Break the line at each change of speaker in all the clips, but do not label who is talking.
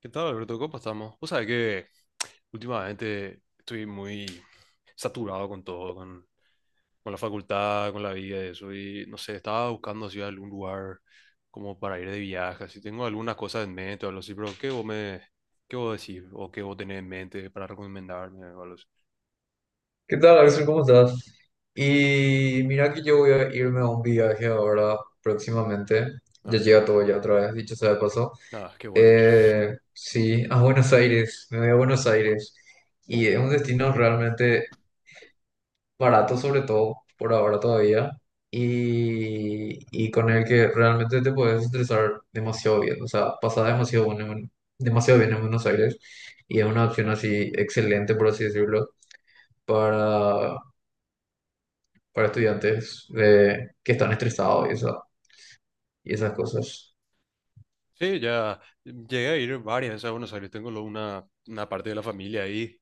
¿Qué tal, Alberto? ¿Cómo estamos? Vos sabés que últimamente estoy muy saturado con todo, con la facultad, con la vida y eso. Y no sé, estaba buscando así algún lugar como para ir de viaje. Así tengo algunas cosas en mente o algo así, pero ¿Qué vos decís? ¿O qué vos tenés en mente para recomendarme o algo así?
¿Qué tal, Axel? ¿Cómo estás? Y mira que yo voy a irme a un viaje ahora próximamente.
Ah,
Ya
qué
llega
bueno.
todo ya otra vez, dicho sea de paso.
Ah, qué bueno, che.
Sí, a Buenos Aires. Me voy a Buenos Aires. Y es un destino realmente barato, sobre todo por ahora todavía. Y con el que realmente te puedes estresar demasiado bien. O sea, pasar demasiado demasiado bien en Buenos Aires. Y es una opción así excelente, por así decirlo, para para estudiantes que están estresados y y esas cosas.
Sí, ya llegué a ir varias veces a Buenos Aires, tengo una parte de la familia ahí.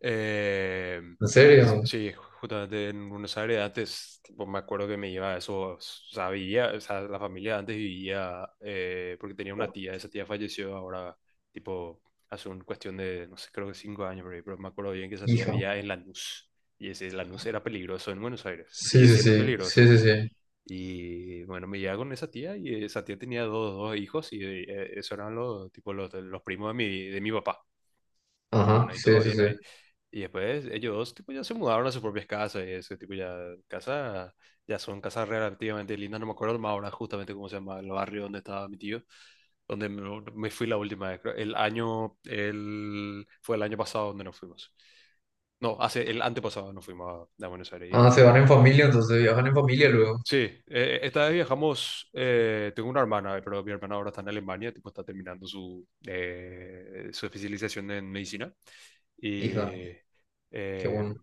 Eh,
¿En serio?
sí, sí, justamente en Buenos Aires antes, tipo, me acuerdo que me iba a eso, o sea, vivía, o sea, la familia antes vivía, porque tenía una tía, esa tía falleció ahora, tipo, hace un cuestión de, no sé, creo que 5 años, por ahí, pero me acuerdo bien que esa tía
Hija.
vivía en Lanús, y ese Lanús era peligroso en Buenos Aires,
Sí,
sigue
sí,
siendo
sí,
peligroso.
sí, sí, sí.
Y bueno, me llevaba con esa tía y esa tía tenía dos hijos y esos eran los, tipo, los primos de mi papá. Y
Ajá,
bueno, y todo
sí, sí,
bien
sí.
ahí. Y después ellos dos, tipo, ya se mudaron a sus propias casas y ese tipo casa, ya son casas relativamente lindas, no me acuerdo más ahora justamente cómo se llama el barrio donde estaba mi tío, donde me fui la última vez, creo. Fue el año pasado donde nos fuimos. No, hace el antepasado nos fuimos a Buenos Aires
Ah, se
y.
van en familia, entonces viajan en familia luego.
Sí, esta vez viajamos, tengo una hermana, pero mi hermana ahora está en Alemania, tipo, está terminando su especialización en medicina.
Hija,
Y
qué
eh,
bueno.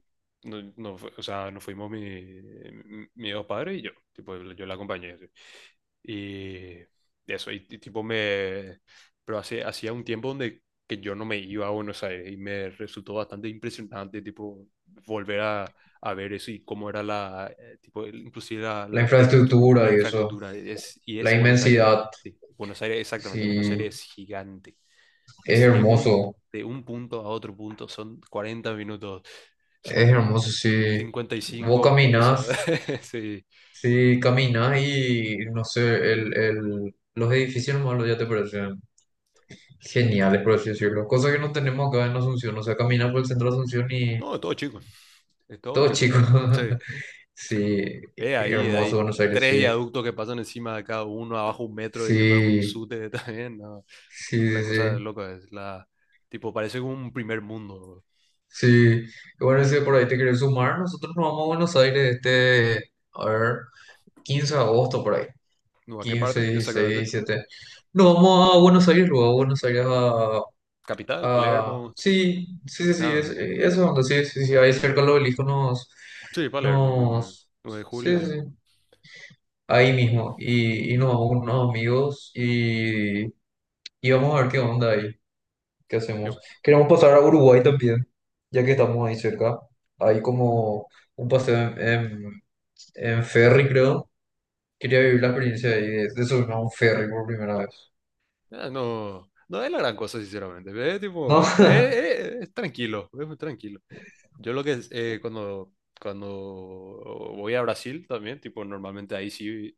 no, o sea, nos fuimos mi, mis dos padres y yo, tipo, yo la acompañé. Y eso, y tipo me. Pero hacía un tiempo donde que yo no me iba a Buenos Aires y me resultó bastante impresionante, tipo, volver a ver eso y cómo era la, tipo, inclusive la
La
arquitectura,
infraestructura
la
y eso,
infraestructura. Es, y
la
es Buenos Aires,
inmensidad,
sí, Buenos Aires, exactamente, Buenos
sí,
Aires es gigante.
es
Es de un,
hermoso,
de un punto a otro punto, son 40 minutos,
es
son
hermoso, sí.
cincuenta y
Vos
cinco pesos.
caminás,
Sí.
sí, caminás y no sé, los edificios malos ya te parecen genial, por así decirlo. Cosa que no tenemos acá en Asunción. O sea, caminas por el centro de Asunción y
No, es todo chico, es todo
todo
chico.
chico.
Sí.
Sí,
Ahí
hermoso
hay
Buenos Aires,
tres
sí.
viaductos que pasan encima de cada uno, abajo un metro y después un
Sí,
sute también. No,
sí,
Una
sí,
cosa
sí.
loca es la. Tipo, parece como un primer mundo.
Sí. Bueno, si por ahí te quieres sumar, nosotros nos vamos a Buenos Aires este, a ver, 15 de agosto por ahí.
¿No? ¿A qué
Quince,
parte?
16,
Exactamente.
17. Nos vamos a Buenos Aires, luego a Buenos Aires a...
Capital, Palermo.
sí, sí, sí, sí, es,
Nada.
eso es donde sí, sí, sí, ahí cerca del obelisco nos...
Sí, Palermo, tipo,
Nos...
9 de
Sí,
julio,
sí,
sí.
sí, ahí
Eh,
mismo y nos vamos con unos amigos y vamos a ver qué onda ahí, qué hacemos.
yo,
Queremos pasar a Uruguay también, ya que estamos ahí cerca. Hay como un paseo en ferry, creo. Quería vivir la experiencia ahí de subirme
uh,
a un ferry por primera vez.
no, no es la gran cosa, sinceramente. Es tipo,
¿No?
es tranquilo, es muy tranquilo. Yo lo que es, cuando voy a Brasil también, tipo, normalmente ahí sí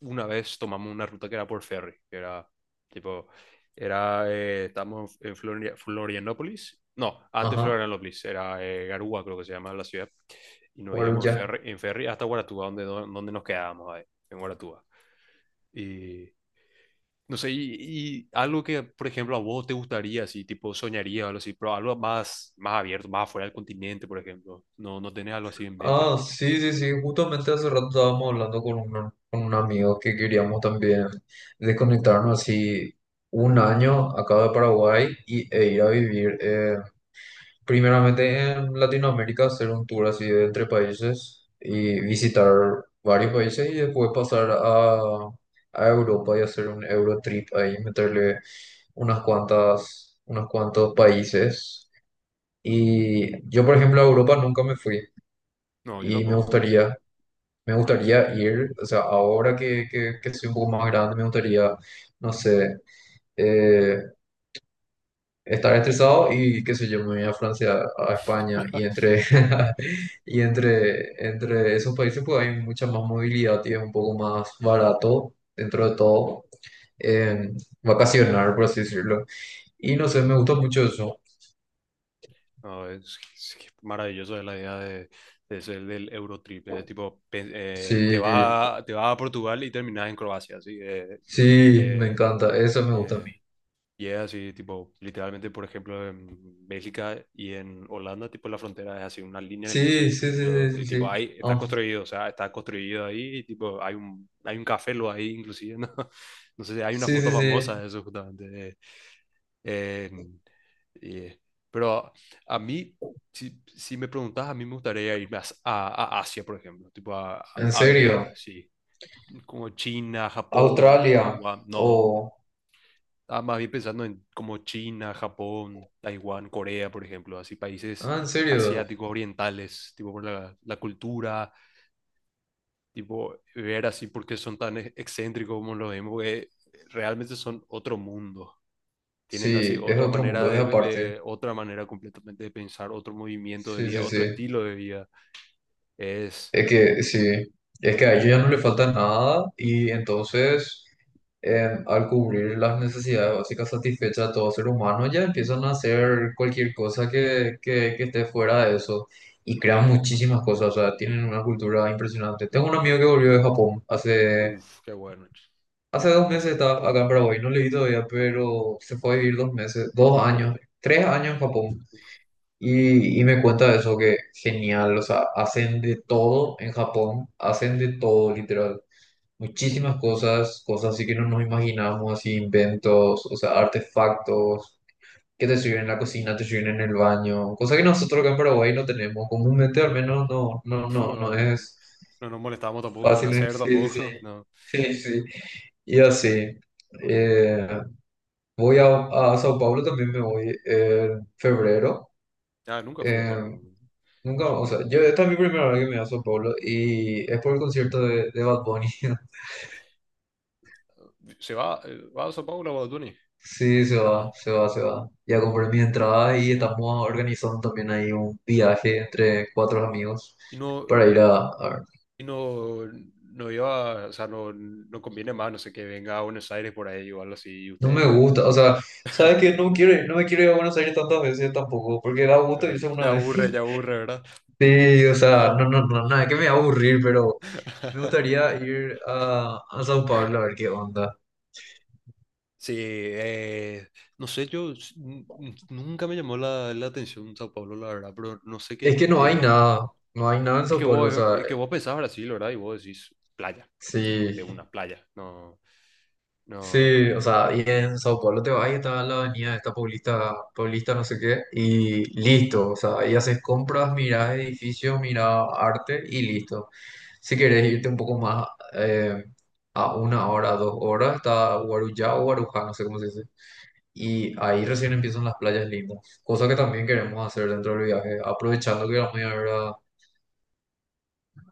una vez tomamos una ruta que era por ferry, que era tipo, estábamos en Florianópolis, no, antes
Ajá.
Florianópolis, era Garúa, creo que se llama la ciudad, y nos íbamos
Guarulla.
en ferry hasta Guaratuba, donde nos quedábamos ahí, en Guaratuba. Y no sé, algo que, por ejemplo, a vos te gustaría, así, tipo, soñaría o algo así, pero algo más, más abierto, más afuera del continente, por ejemplo. No, no tenés algo así en mente.
Ah, sí, sí, sí, justamente hace rato estábamos hablando con un amigo que queríamos también desconectarnos así un año acá de Paraguay y, e ir a vivir primeramente en Latinoamérica, hacer un tour así de entre países y visitar varios países y después pasar a Europa y hacer un Eurotrip ahí, meterle unas cuantas, unos cuantos países. Y yo, por ejemplo, a Europa nunca me fui
No, yo
y me
tampoco, no.
gustaría. Me
No, yo no.
gustaría ir, o sea, ahora que soy un poco más grande, me gustaría, no sé, eh, estar estresado y qué sé yo, me voy a Francia, a España y entre,
Sí.
entre esos países pues hay mucha más movilidad y es un poco más barato dentro de todo, eh, vacacionar, por así decirlo. Y no sé, me gusta mucho eso.
No, es que es maravilloso la idea de, ser del Eurotrip. Tipo, te
Sí,
vas a, te vas a Portugal y terminas en Croacia, así.
sí, me
Eh,
encanta, eso me gusta a mí.
eh, y es así, tipo, literalmente, por ejemplo, en Bélgica y en Holanda, tipo, la frontera es así, una línea en el piso.
Sí, sí, sí,
Lo,
sí,
y
sí, sí.
tipo, ahí está
Ah,
construido, o sea, está construido ahí, y, tipo, hay un café lo ahí, inclusive, ¿no? No sé, si hay una
sí, sí,
foto
sí.
famosa de eso, justamente, eh, y- pero a mí, si me preguntas, a mí me gustaría irme a Asia, por ejemplo, tipo a,
¿En
a
serio?
ver, sí, como China, Japón,
Australia
Taiwán,
o...
no, ah, más bien pensando en como China, Japón, Taiwán, Corea, por ejemplo, así países
Ah, en serio.
asiáticos, orientales, tipo por la cultura, tipo ver así por qué son tan excéntricos como lo vemos, porque realmente son otro mundo. Tienen así
Sí, es
otra
otro
manera
mundo, es
de,
aparte.
otra manera completamente de pensar, otro movimiento de
Sí,
vida,
sí,
otro
sí.
estilo de vida. Es,
Es que, sí. Es que a ellos ya no le falta nada y entonces al cubrir las necesidades básicas satisfechas de todo ser humano ya empiezan a hacer cualquier cosa que esté fuera de eso y crean muchísimas cosas. O sea, tienen una cultura impresionante. Tengo un amigo que volvió de Japón hace...
Uff, qué bueno,
Hace dos meses
impresionante.
estaba acá en Paraguay, no leí todavía, pero se fue a vivir dos meses, dos años, tres años en Japón.
Uf.
Y me cuenta de eso, que genial, o sea, hacen de todo en Japón, hacen de todo, literal. Muchísimas cosas, cosas así que no nos imaginamos, así inventos, o sea, artefactos que te sirven en la cocina, te sirven en el baño, cosa que nosotros acá en Paraguay no tenemos, comúnmente al menos no, no, no, no
No, no,
es
no nos molestamos tampoco en
fácil, ¿eh?
nacer
Sí, sí,
tampoco, no.
sí, sí, sí, y así. Eh, Voy a Sao Paulo, también me voy en febrero.
Ah, nunca fui a
Eh,
Sao Paulo.
nunca, o sea, yo, esta es mi primera vez que me voy a Sao Paulo y es por el concierto de Bad Bunny.
¿Se va a Sao Paulo o a Tuni?
Sí, se
Ah,
va, se va, se va. Ya compré mi entrada y
nada.
estamos organizando también ahí un viaje entre cuatro amigos
Y no,
para ir a ver.
y no, no iba, o sea, no conviene más, no sé, que venga a Buenos Aires por ahí o algo así y
No
ustedes.
me gusta, o sea, ¿sabes qué? No quiero, no me quiero ir a Buenos Aires tantas veces tampoco, porque da gusto irse una vez.
Ya aburre, ¿verdad?
Sí, o sea, no, no, no, nada, que me va a aburrir, pero me gustaría ir a Sao Paulo a ver qué onda.
Sí, no sé, yo nunca me llamó la atención Sao Paulo, la verdad, pero no sé
Es
qué
que no hay
tiene.
nada, no hay nada en
Es
Sao
que
Paulo, o
vos,
sea,
es que vos pensás Brasil, ¿verdad? Y vos decís playa, tipo, de
sí,
una playa. No, no.
sí, o sea, y en Sao Paulo te vas y está la avenida esta Paulista, Paulista no sé qué, y listo, o sea, ahí haces compras, mirás edificios, mirás arte y listo. Si quieres irte un poco más eh, a una hora, dos horas, está Guarujá o Guarujá, no sé cómo se dice. Y ahí recién empiezan las playas lindas, cosa que también queremos hacer dentro del viaje. Aprovechando que vamos a ir a ver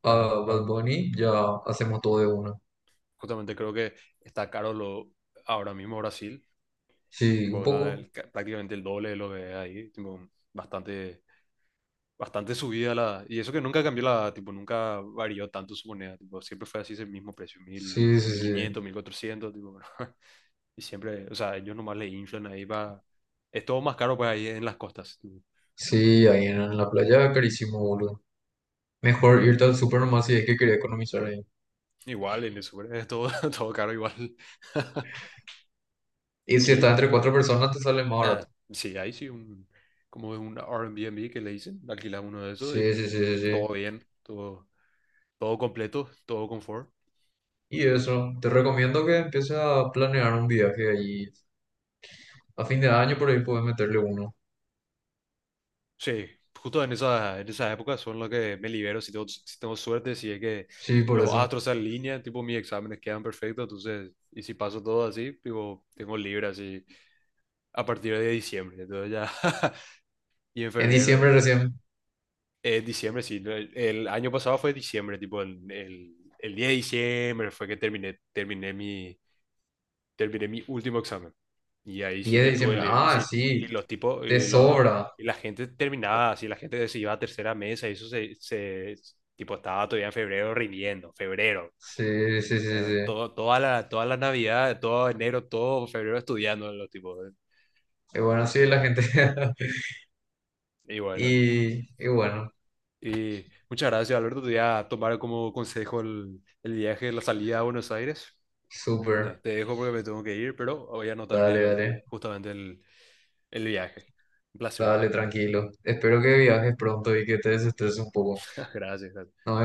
a
Ah, ah,
Bad Bunny, ya hacemos todo de una.
justamente creo que está caro ahora mismo Brasil,
Sí, un
Bogotá
poco.
prácticamente el doble de lo que es ahí, tipo, bastante, bastante subida la. Y eso que nunca cambió tipo, nunca varió tanto su moneda, tipo, siempre fue así ese mismo precio, 1.000,
Sí, sí,
mil
sí.
quinientos 1.400, tipo. Y siempre, o sea, ellos nomás le inflan ahí para. Es todo más caro pues ahí en las costas, tipo.
Sí, ahí en la playa, carísimo, boludo. Mejor irte al súper nomás si es que quería economizar ahí.
Igual en el sur, es todo, todo caro igual.
Y si estás
Y
entre cuatro personas, te sale más barato.
nada, sí, ahí sí un. Como un Airbnb que le dicen, alquilar uno de esos
Sí,
y
sí, sí, sí, sí.
todo bien, todo. Todo completo, todo confort.
Y
Ah.
eso, te recomiendo que empieces a planear un viaje ahí. A fin de año por ahí puedes meterle uno.
Sí, justo en esa época son los que me libero si tengo suerte, si es que
Sí, por
los
eso.
astros se alinean, tipo mis exámenes quedan perfectos, entonces, y si paso todo así, tipo, tengo libre así a partir de diciembre, entonces ya. Y en
En
febrero ya.
diciembre recién.
Diciembre, sí, no, el año pasado fue diciembre, tipo, el 10 de diciembre fue que terminé mi último examen. Y ahí sí
diez de
ya tuve
diciembre.
libre. Y
Ah,
sí, y
sí,
los tipos.
te
Y, los-
sobra.
y la gente terminaba así, la gente se iba a tercera mesa y eso se tipo, estaba todavía en febrero rindiendo, febrero.
Sí, sí, sí,
Ya,
sí.
toda la Navidad, todo enero, todo febrero estudiando los tipos.
Y bueno, sí, la gente.
Y bueno,
Y, y bueno,
y muchas gracias, Alberto. Te voy a tomar como consejo el viaje, la salida a Buenos Aires. No,
súper.
te dejo porque me tengo que ir, pero voy a anotar
Dale, dale.
justamente el viaje. Un placer.
Dale, tranquilo. Espero que viajes pronto y que te desestreses un poco.
Gracias, gracias.
Nos